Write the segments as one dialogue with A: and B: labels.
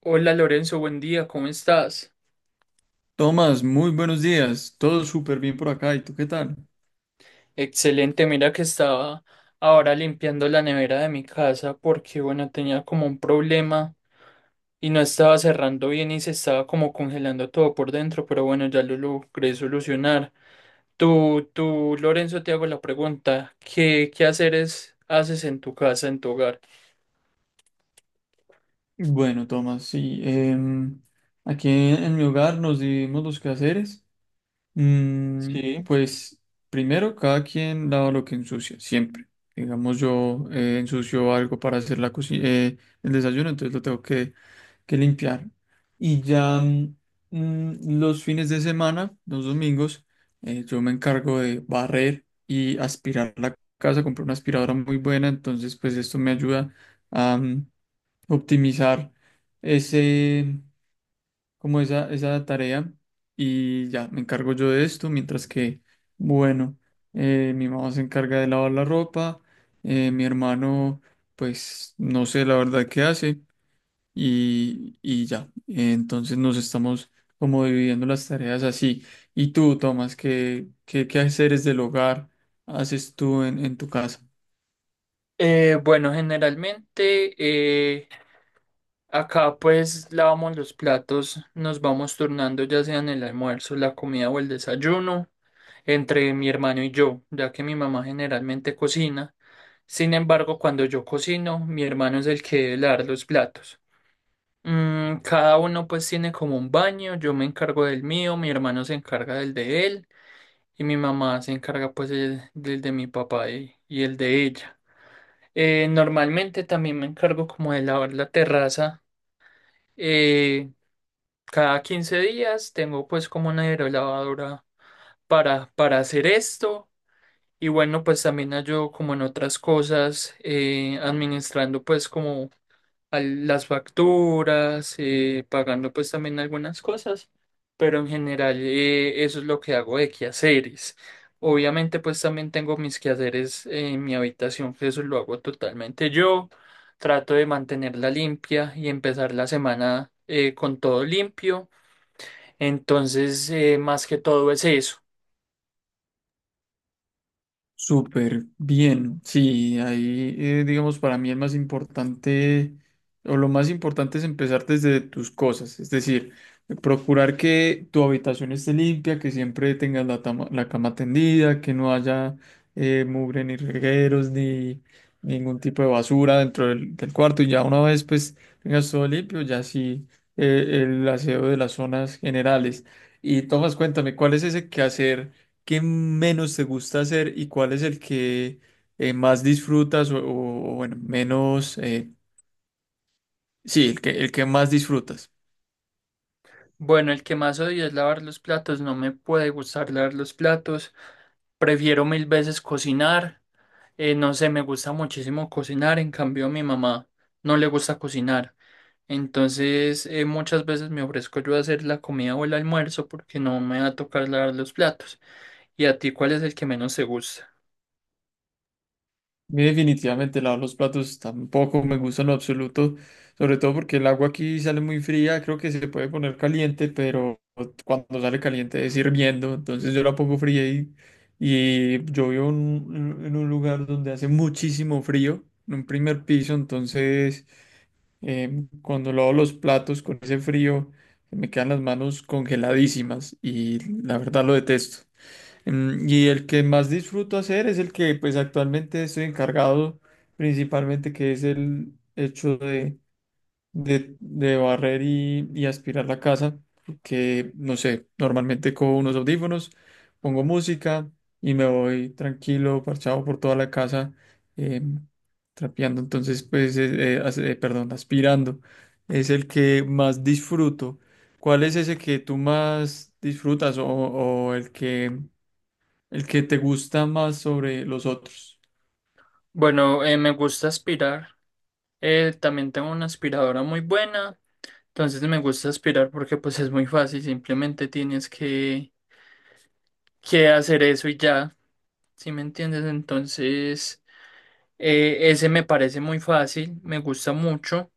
A: Hola Lorenzo, buen día, ¿cómo estás?
B: Tomás, muy buenos días. Todo súper bien por acá. ¿Y tú qué tal?
A: Excelente, mira que estaba ahora limpiando la nevera de mi casa porque, bueno, tenía como un problema y no estaba cerrando bien y se estaba como congelando todo por dentro, pero bueno, ya lo logré solucionar. Tú, Lorenzo, te hago la pregunta, ¿qué haceres haces en tu casa, en tu hogar?
B: Bueno, Tomás, sí. Aquí en mi hogar nos dividimos los quehaceres. Mm,
A: Sí.
B: pues primero, cada quien lava lo que ensucia, siempre. Digamos, yo ensucio algo para hacer la el desayuno, entonces lo tengo que limpiar. Y ya los fines de semana, los domingos, yo me encargo de barrer y aspirar la casa. Compré una aspiradora muy buena, entonces pues esto me ayuda a optimizar ese, como esa tarea. Y ya me encargo yo de esto, mientras que, bueno, mi mamá se encarga de lavar la ropa, mi hermano, pues no sé la verdad qué hace y ya. Entonces nos estamos como dividiendo las tareas así. ¿Y tú, Tomás, qué haces del hogar haces tú en tu casa?
A: Bueno, generalmente acá pues lavamos los platos, nos vamos turnando ya sea en el almuerzo, la comida o el desayuno, entre mi hermano y yo, ya que mi mamá generalmente cocina. Sin embargo, cuando yo cocino, mi hermano es el que debe lavar los platos. Mm, cada uno pues tiene como un baño, yo me encargo del mío, mi hermano se encarga del de él y mi mamá se encarga pues del de mi papá y el de ella. Normalmente también me encargo como de lavar la terraza. Eh, Cada 15 días tengo pues como una aerolavadora para hacer esto, y bueno, pues también ayudo como en otras cosas, administrando pues como las facturas, pagando pues también algunas cosas, pero en general, eso es lo que hago de quehaceres. Obviamente pues también tengo mis quehaceres en mi habitación, que eso lo hago totalmente yo. Trato de mantenerla limpia y empezar la semana con todo limpio. Entonces, más que todo es eso.
B: Súper bien, sí, ahí digamos para mí el más importante o lo más importante es empezar desde tus cosas, es decir, procurar que tu habitación esté limpia, que siempre tengas la cama tendida, que no haya mugre ni regueros ni ningún tipo de basura dentro del cuarto y ya una vez pues tengas todo limpio, ya sí el aseo de las zonas generales. Y Tomás, cuéntame, ¿cuál es ese quehacer? ¿Qué menos te gusta hacer y cuál es el que más disfrutas o, bueno, sí, el que más disfrutas?
A: Bueno, el que más odio es lavar los platos. No me puede gustar lavar los platos. Prefiero mil veces cocinar. No sé, me gusta muchísimo cocinar. En cambio, a mi mamá no le gusta cocinar. Entonces, muchas veces me ofrezco yo a hacer la comida o el almuerzo porque no me va a tocar lavar los platos. ¿Y a ti cuál es el que menos te gusta?
B: A mí definitivamente lavar los platos tampoco me gusta en lo absoluto, sobre todo porque el agua aquí sale muy fría, creo que se puede poner caliente, pero cuando sale caliente es hirviendo, entonces yo la pongo fría y yo vivo en un lugar donde hace muchísimo frío, en un primer piso, entonces cuando lavo los platos con ese frío, me quedan las manos congeladísimas y la verdad lo detesto. Y el que más disfruto hacer es el que pues actualmente estoy encargado principalmente, que es el hecho de de barrer y aspirar la casa, porque, no sé, normalmente con unos audífonos, pongo música y me voy tranquilo, parchado por toda la casa, eh, trapeando, entonces, pues, perdón, aspirando. Es el que más disfruto. ¿Cuál es ese que tú más disfrutas o el que te gusta más sobre los otros?
A: Bueno, me gusta aspirar. También tengo una aspiradora muy buena. Entonces me gusta aspirar porque pues es muy fácil, simplemente tienes que hacer eso y ya, ¿sí me entiendes? Entonces ese me parece muy fácil, me gusta mucho,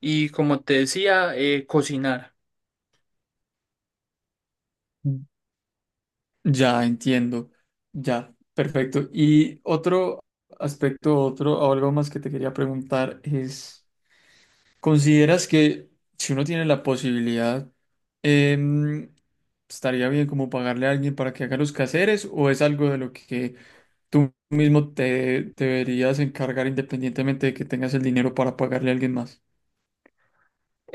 A: y como te decía, cocinar.
B: Ya entiendo, ya, perfecto. Y otro aspecto, otro, o algo más que te quería preguntar es, ¿consideras que si uno tiene la posibilidad, em, estaría bien como pagarle a alguien para que haga los quehaceres o es algo de lo que tú mismo te deberías encargar independientemente de que tengas el dinero para pagarle a alguien más?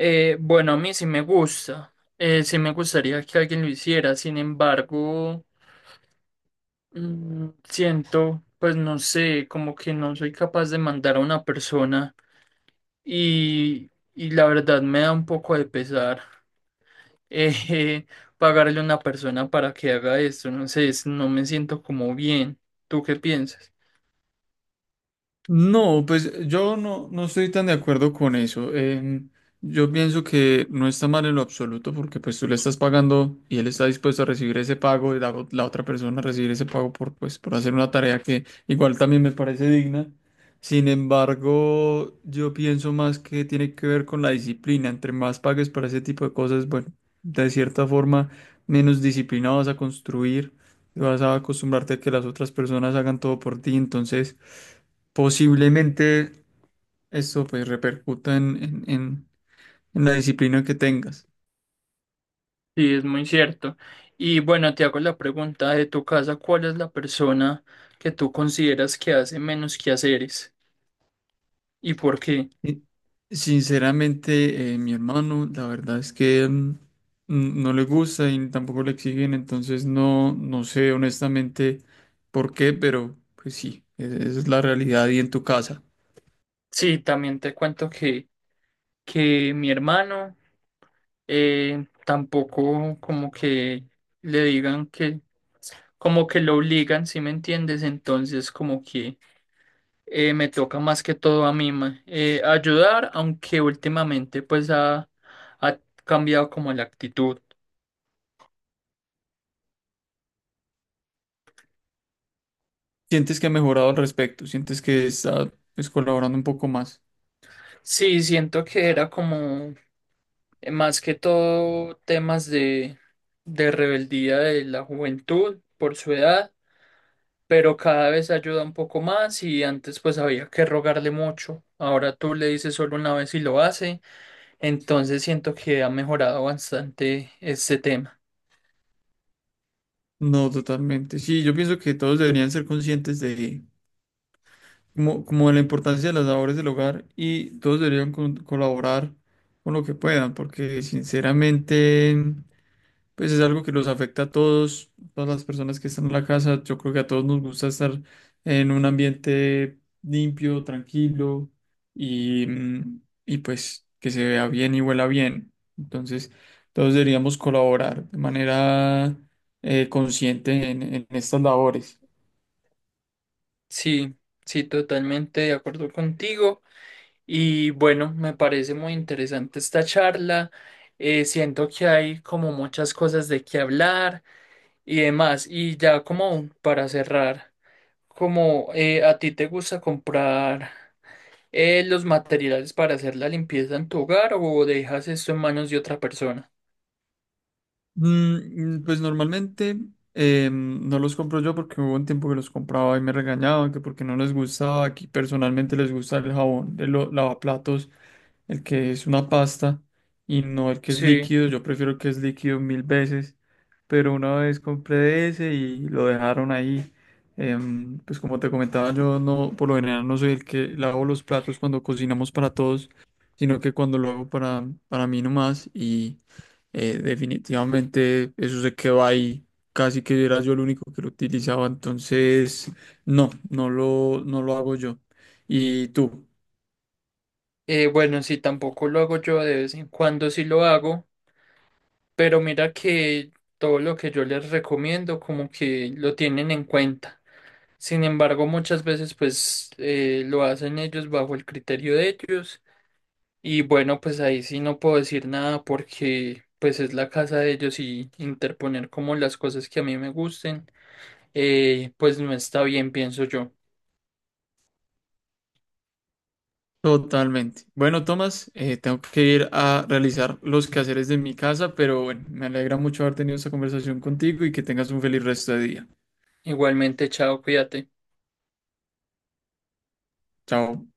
A: Bueno, a mí sí me gusta, sí me gustaría que alguien lo hiciera. Sin embargo, mm, siento, pues no sé, como que no soy capaz de mandar a una persona, y la verdad me da un poco de pesar. eh, pagarle a una persona para que haga esto, no sé, no me siento como bien. ¿Tú qué piensas?
B: No, pues yo no estoy tan de acuerdo con eso. Yo pienso que no está mal en lo absoluto porque pues tú le estás pagando y él está dispuesto a recibir ese pago y la otra persona a recibir ese pago por, pues, por hacer una tarea que igual también me parece digna. Sin embargo, yo pienso más que tiene que ver con la disciplina. Entre más pagues para ese tipo de cosas, bueno, de cierta forma, menos disciplina vas a construir, vas a acostumbrarte a que las otras personas hagan todo por ti. Entonces posiblemente esto pues repercuta en la disciplina que tengas.
A: Sí, es muy cierto. Y bueno, te hago la pregunta de tu casa, ¿cuál es la persona que tú consideras que hace menos quehaceres y por qué?
B: Y, sinceramente, mi hermano, la verdad es que no le gusta y tampoco le exigen, entonces no sé honestamente por qué, pero pues sí, esa es la realidad y en tu casa.
A: Sí, también te cuento que mi hermano tampoco como que le digan que, como que lo obligan, ¿si me entiendes? Entonces, como que me toca más que todo a mí ayudar, aunque últimamente pues ha, ha cambiado como la actitud.
B: ¿Sientes que ha mejorado al respecto? ¿Sientes que está, pues, colaborando un poco más?
A: Sí, siento que era como más que todo temas de rebeldía de la juventud por su edad, pero cada vez ayuda un poco más y antes pues había que rogarle mucho. Ahora tú le dices solo una vez y lo hace, entonces siento que ha mejorado bastante este tema.
B: No, totalmente. Sí, yo pienso que todos deberían ser conscientes de como de la importancia de las labores del hogar y todos deberían colaborar con lo que puedan, porque sinceramente, pues es algo que los afecta a todos, todas las personas que están en la casa. Yo creo que a todos nos gusta estar en un ambiente limpio, tranquilo y, y pues que se vea bien y huela bien. Entonces, todos deberíamos colaborar de manera consciente en estas labores.
A: Sí, sí, totalmente de acuerdo contigo. Y bueno, me parece muy interesante esta charla. Siento que hay como muchas cosas de qué hablar y demás. Y ya como para cerrar, como ¿a ti te gusta comprar los materiales para hacer la limpieza en tu hogar o dejas esto en manos de otra persona?
B: Pues normalmente no los compro yo porque hubo un tiempo que los compraba y me regañaban que porque no les gustaba. Aquí personalmente les gusta el jabón de los lavaplatos, el que es una pasta y no el que es
A: Sí,
B: líquido. Yo prefiero el que es líquido mil veces, pero una vez compré ese y lo dejaron ahí. Pues como te comentaba, yo no, por lo general no soy el que lavo los platos cuando cocinamos para todos, sino que cuando lo hago para mí nomás y definitivamente eso se quedó ahí. Casi que era yo el único que lo utilizaba. Entonces, no lo hago yo. Y tú,
A: bueno, sí, tampoco lo hago yo. De vez en cuando, sí lo hago, pero mira que todo lo que yo les recomiendo como que lo tienen en cuenta. Sin embargo, muchas veces pues lo hacen ellos bajo el criterio de ellos, y bueno, pues ahí sí no puedo decir nada porque pues es la casa de ellos, y interponer como las cosas que a mí me gusten, pues no está bien, pienso yo.
B: totalmente. Bueno, Tomás, tengo que ir a realizar los quehaceres de mi casa, pero bueno, me alegra mucho haber tenido esta conversación contigo y que tengas un feliz resto de día.
A: Igualmente, chao, cuídate.
B: Chao.